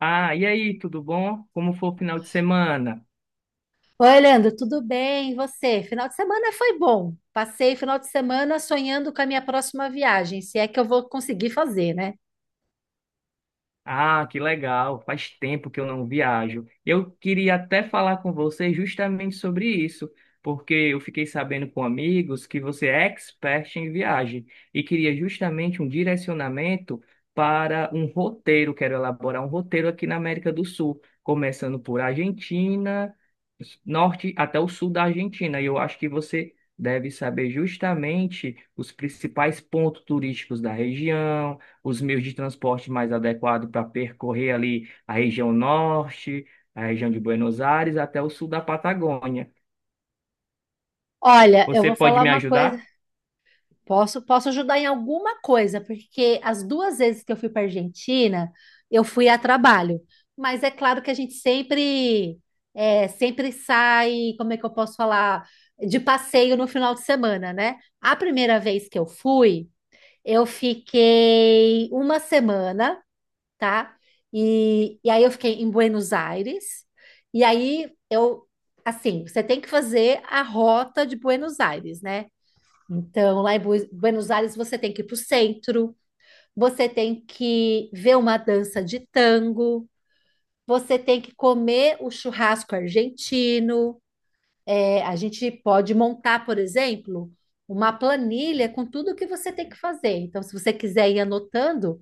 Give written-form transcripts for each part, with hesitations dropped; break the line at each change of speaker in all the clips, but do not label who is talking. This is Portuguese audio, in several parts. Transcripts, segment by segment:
Ah, e aí, tudo bom? Como foi o final de semana?
Oi, Leandro, tudo bem? E você? Final de semana foi bom. Passei o final de semana sonhando com a minha próxima viagem, se é que eu vou conseguir fazer, né?
Ah, que legal. Faz tempo que eu não viajo. Eu queria até falar com você justamente sobre isso, porque eu fiquei sabendo com amigos que você é expert em viagem e queria justamente um direcionamento para um roteiro. Quero elaborar um roteiro aqui na América do Sul, começando por Argentina, norte até o sul da Argentina. E eu acho que você deve saber justamente os principais pontos turísticos da região, os meios de transporte mais adequados para percorrer ali a região norte, a região de Buenos Aires, até o sul da Patagônia.
Olha, eu
Você
vou
pode
falar
me
uma coisa.
ajudar?
Posso ajudar em alguma coisa, porque as duas vezes que eu fui para Argentina, eu fui a trabalho. Mas é claro que a gente sempre, sempre sai, como é que eu posso falar, de passeio no final de semana, né? A primeira vez que eu fui, eu fiquei uma semana, tá? E aí eu fiquei em Buenos Aires, e aí eu, assim, você tem que fazer a rota de Buenos Aires, né? Então, lá em Buenos Aires, você tem que ir para o centro, você tem que ver uma dança de tango, você tem que comer o churrasco argentino. É, a gente pode montar, por exemplo, uma planilha com tudo que você tem que fazer. Então, se você quiser ir anotando,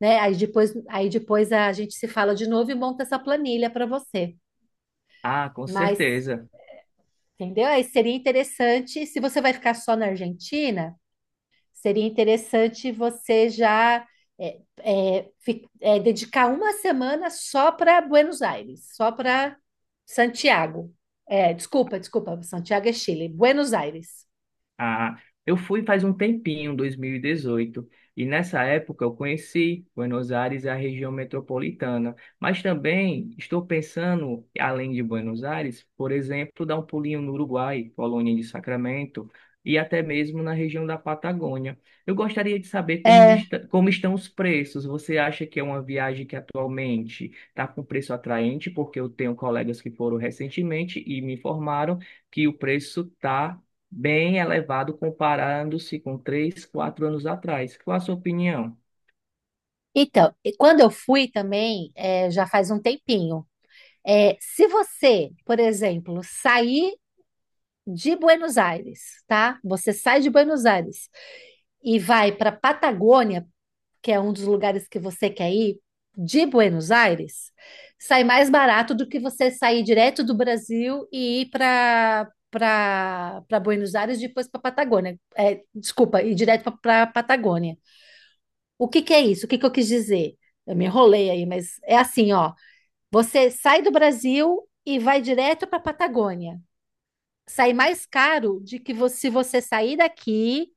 né? Aí depois a gente se fala de novo e monta essa planilha para você.
Ah, com
Mas,
certeza.
entendeu? Aí seria interessante, se você vai ficar só na Argentina, seria interessante você já dedicar uma semana só para Buenos Aires, só para Santiago. É, desculpa, Santiago é Chile, Buenos Aires.
Ah, eu fui faz um tempinho, 2018, e dezoito, e nessa época eu conheci Buenos Aires, e a região metropolitana, mas também estou pensando, além de Buenos Aires, por exemplo, dar um pulinho no Uruguai, Colônia de Sacramento, e até mesmo na região da Patagônia. Eu gostaria de saber como
É,
como estão os preços. Você acha que é uma viagem que atualmente está com preço atraente? Porque eu tenho colegas que foram recentemente e me informaram que o preço está bem elevado comparando-se com três, quatro anos atrás. Qual a sua opinião?
então, e quando eu fui também, é, já faz um tempinho. É, se você, por exemplo, sair de Buenos Aires, tá? Você sai de Buenos Aires e vai para Patagônia, que é um dos lugares que você quer ir, de Buenos Aires, sai mais barato do que você sair direto do Brasil e ir para Buenos Aires e depois para Patagônia. É, desculpa, ir direto para Patagônia. O que que é isso? O que que eu quis dizer? Eu me enrolei aí, mas é assim, ó. Você sai do Brasil e vai direto para Patagônia sair mais caro de que você, se você sair daqui,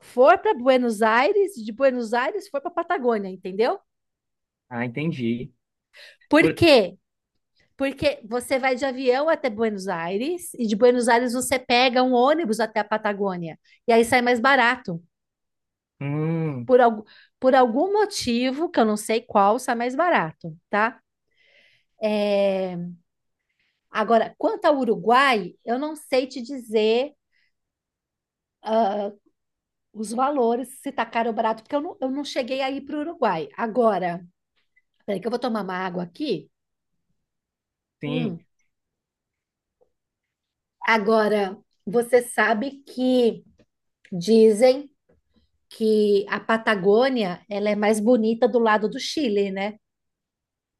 for para Buenos Aires, de Buenos Aires for para Patagônia, entendeu?
Ah, entendi.
Por
Por-
quê? Porque você vai de avião até Buenos Aires e de Buenos Aires você pega um ônibus até a Patagônia e aí sai mais barato.
Hum,
Por, al por algum motivo, que eu não sei qual, sai mais barato, tá? É, agora, quanto ao Uruguai, eu não sei te dizer os valores, se tá caro ou barato, porque eu não cheguei aí para o Uruguai. Agora, peraí, que eu vou tomar uma água aqui.
sim.
Hum. Agora, você sabe que dizem que a Patagônia ela é mais bonita do lado do Chile, né?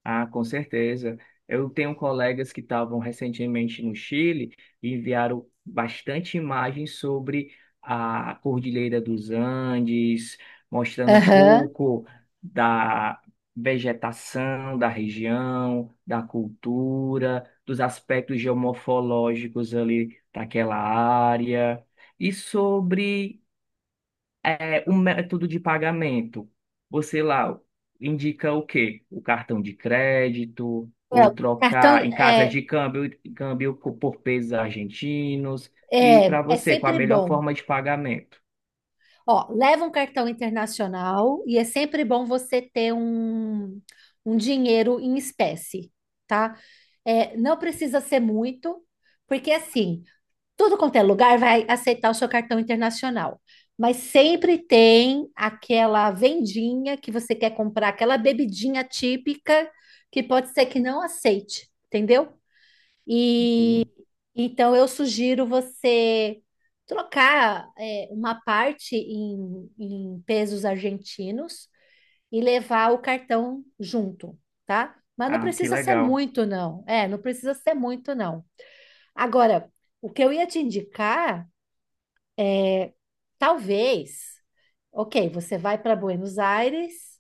Ah, com certeza. Eu tenho colegas que estavam recentemente no Chile e enviaram bastante imagens sobre a Cordilheira dos Andes, mostrando um
Aham.
pouco da vegetação da região, da cultura, dos aspectos geomorfológicos ali daquela área e sobre o método de pagamento. Você lá indica o quê? O cartão de crédito, ou
Não, cartão
trocar em casas
é,
de câmbio, por pesos argentinos. E
é,
para
é
você, qual a
sempre
melhor
bom.
forma de pagamento?
Ó, leva um cartão internacional e é sempre bom você ter um dinheiro em espécie, tá? É, não precisa ser muito, porque assim, tudo quanto é lugar vai aceitar o seu cartão internacional. Mas sempre tem aquela vendinha que você quer comprar, aquela bebidinha típica que pode ser que não aceite, entendeu? E
Sim.
então eu sugiro você trocar é, uma parte em pesos argentinos e levar o cartão junto, tá? Mas não
Ah,
precisa ser muito, não. É, não precisa ser muito, não. Agora, o que eu ia te indicar. Talvez, ok, você vai para Buenos Aires,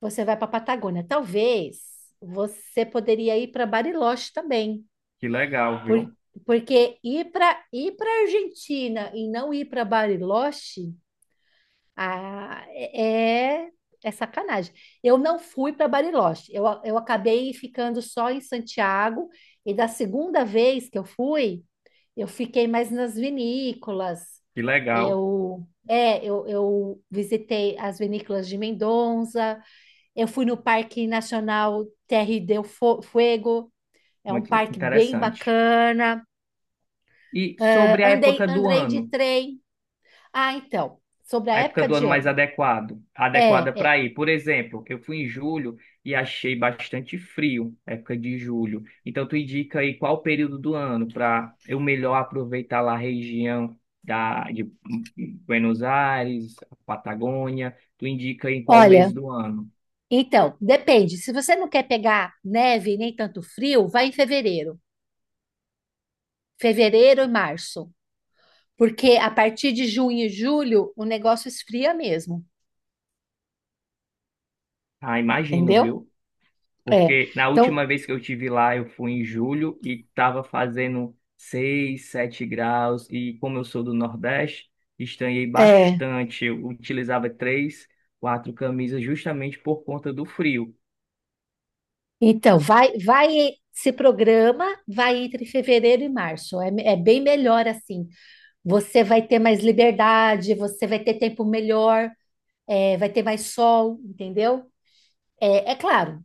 você vai para Patagônia. Talvez você poderia ir para Bariloche também,
que legal,
por-
viu?
porque ir para Argentina e não ir para Bariloche ah, é, é sacanagem. Eu não fui para Bariloche. Eu acabei ficando só em Santiago. E da segunda vez que eu fui, eu fiquei mais nas vinícolas.
Que legal,
Eu, é, eu visitei as vinícolas de Mendonça. Eu fui no Parque Nacional Fuego. É um
muito
parque bem
interessante.
bacana.
E
Ah,
sobre a
andei,
época do
andei de
ano?
trem. Ah, então, sobre a
A época
época
do
de
ano mais
ano.
adequada
É, é.
para ir. Por exemplo, eu fui em julho e achei bastante frio, época de julho. Então, tu indica aí qual o período do ano para eu melhor aproveitar lá a região de Buenos Aires, Patagônia. Tu indica aí qual mês
Olha.
do ano.
Então, depende. Se você não quer pegar neve nem tanto frio, vai em fevereiro. Fevereiro e março. Porque a partir de junho e julho o negócio esfria mesmo,
Ah, imagino,
entendeu?
viu?
É.
Porque na
Então,
última vez que eu tive lá, eu fui em julho e estava fazendo 6 7 graus. E como eu sou do Nordeste, estranhei
é.
bastante. Eu utilizava três, quatro camisas justamente por conta do frio.
Então, se programa, vai entre fevereiro e março. É, é bem melhor assim. Você vai ter mais liberdade, você vai ter tempo melhor, é, vai ter mais sol, entendeu? É, é claro,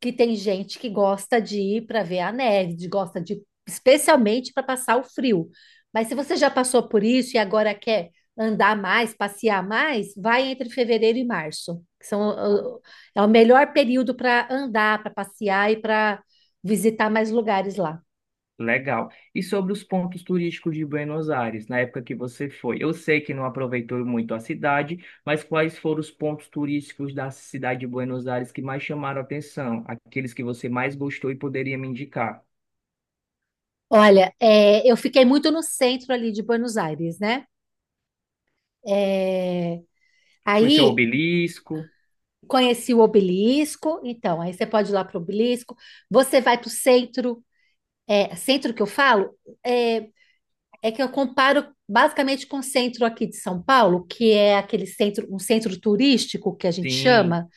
que tem gente que gosta de ir para ver a neve, de- gosta de especialmente para passar o frio. Mas se você já passou por isso e agora quer andar mais, passear mais, vai entre fevereiro e março, que são uh, é o melhor período para andar, para passear e para visitar mais lugares lá.
Legal. E sobre os pontos turísticos de Buenos Aires, na época que você foi? Eu sei que não aproveitou muito a cidade, mas quais foram os pontos turísticos da cidade de Buenos Aires que mais chamaram a atenção? Aqueles que você mais gostou e poderia me indicar?
Olha, é, eu fiquei muito no centro ali de Buenos Aires, né? É,
Conheceu o
aí
obelisco?
conheci o obelisco, então aí você pode ir lá para o obelisco. Você vai para o centro, é, centro que eu falo é, é que eu comparo basicamente com o centro aqui de São Paulo, que é aquele centro, um centro turístico que a gente
Sim,
chama,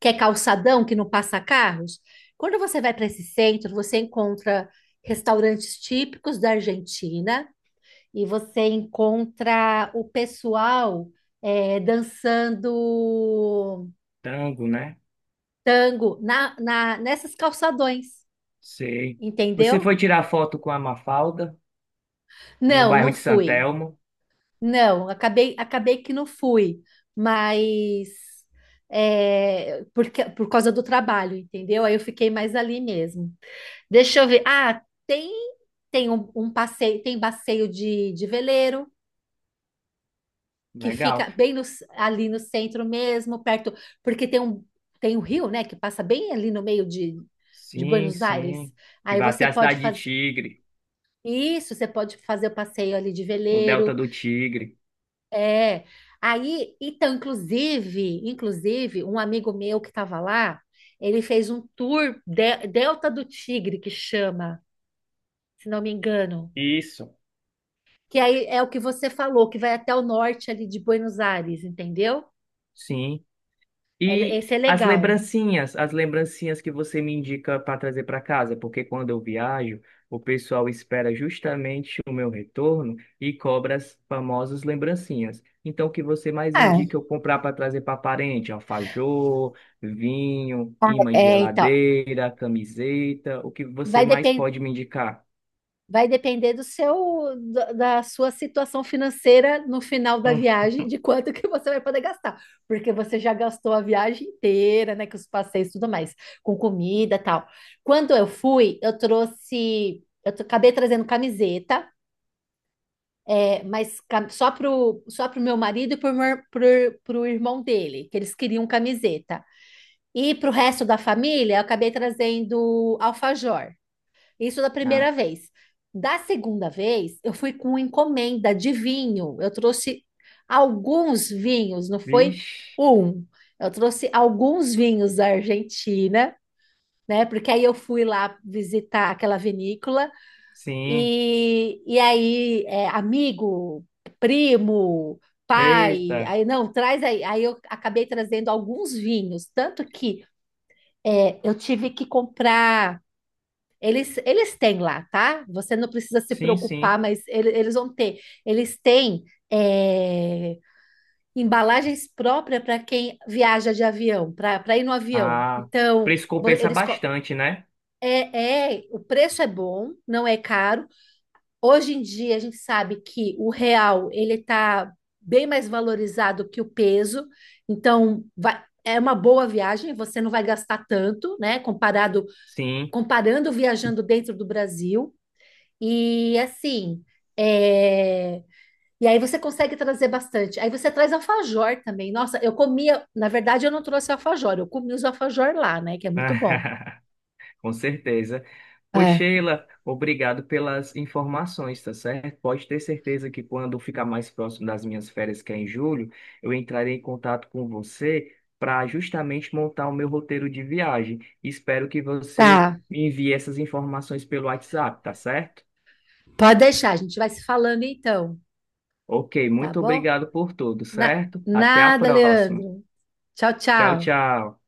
que é calçadão, que não passa carros. Quando você vai para esse centro, você encontra restaurantes típicos da Argentina e você encontra o pessoal é, dançando
tango, né?
tango nessas calçadões,
Sei. Você
entendeu?
foi tirar foto com a Mafalda no
Não, não
bairro de
fui.
Santelmo?
Não, acabei que não fui, mas é, porque, por causa do trabalho, entendeu? Aí eu fiquei mais ali mesmo. Deixa eu ver. Ah, um passeio, tem passeio de veleiro que
Legal.
fica bem no, ali no centro mesmo, perto, porque tem um rio, né, que passa bem ali no meio de
Sim,
Buenos Aires.
sim. Que
Aí
vai até
você
a
pode
cidade de
fazer
Tigre,
isso, você pode fazer o passeio ali de
no Delta
veleiro.
do Tigre.
É. Aí, então, inclusive, um amigo meu que estava lá, ele fez um tour Delta do Tigre, que chama, se não me engano.
Isso.
Que aí é o que você falou, que vai até o norte ali de Buenos Aires, entendeu?
Sim. E
Esse é
as
legal.
lembrancinhas, as lembrancinhas que você me indica para trazer para casa, porque quando eu viajo, o pessoal espera justamente o meu retorno e cobra as famosas lembrancinhas. Então, o que você mais indica
É,
eu comprar para trazer para parente? Alfajor, vinho, imã de
é, então,
geladeira, camiseta, o que você
vai.
mais pode me indicar?
Vai depender do seu, da sua situação financeira no final da
Hum.
viagem, de quanto que você vai poder gastar, porque você já gastou a viagem inteira, né, com os passeios e tudo mais, com comida, e tal. Quando eu fui, eu trouxe, acabei trazendo camiseta, é, mas só pro meu marido e pro irmão dele, que eles queriam camiseta. E pro resto da família, eu acabei trazendo alfajor. Isso da
Ah,
primeira vez. Da segunda vez, eu fui com encomenda de vinho. Eu trouxe alguns vinhos, não foi
vixe.
um. Eu trouxe alguns vinhos da Argentina, né? Porque aí eu fui lá visitar aquela vinícola
Sim.
e aí, é, amigo, primo, pai,
Eita.
aí não, traz aí. Aí eu acabei trazendo alguns vinhos, tanto que é, eu tive que comprar. Eles têm lá, tá? Você não precisa se
Sim, sim.
preocupar, mas eles vão ter. Eles têm é, embalagens próprias para quem viaja de avião, para ir no avião.
Ah,
Então,
preço compensa bastante, né?
é, é, o preço é bom, não é caro. Hoje em dia a gente sabe que o real ele está bem mais valorizado que o peso, então é uma boa viagem. Você não vai gastar tanto, né? Comparado
Sim.
comparando viajando dentro do Brasil. E assim, é, e aí você consegue trazer bastante. Aí você traz alfajor também. Nossa, eu comia, na verdade eu não trouxe alfajor, eu comi os alfajor lá, né, que é muito bom.
Ah, com certeza. Pois,
É,
Sheila, obrigado pelas informações, tá certo? Pode ter certeza que quando ficar mais próximo das minhas férias, que é em julho, eu entrarei em contato com você para justamente montar o meu roteiro de viagem. Espero que você
tá.
me envie essas informações pelo WhatsApp, tá certo?
Pode deixar, a gente vai se falando então,
Ok,
tá
muito
bom?
obrigado por tudo, certo? Até a
Nada,
próxima.
Leandro. Tchau,
Tchau,
tchau.
tchau.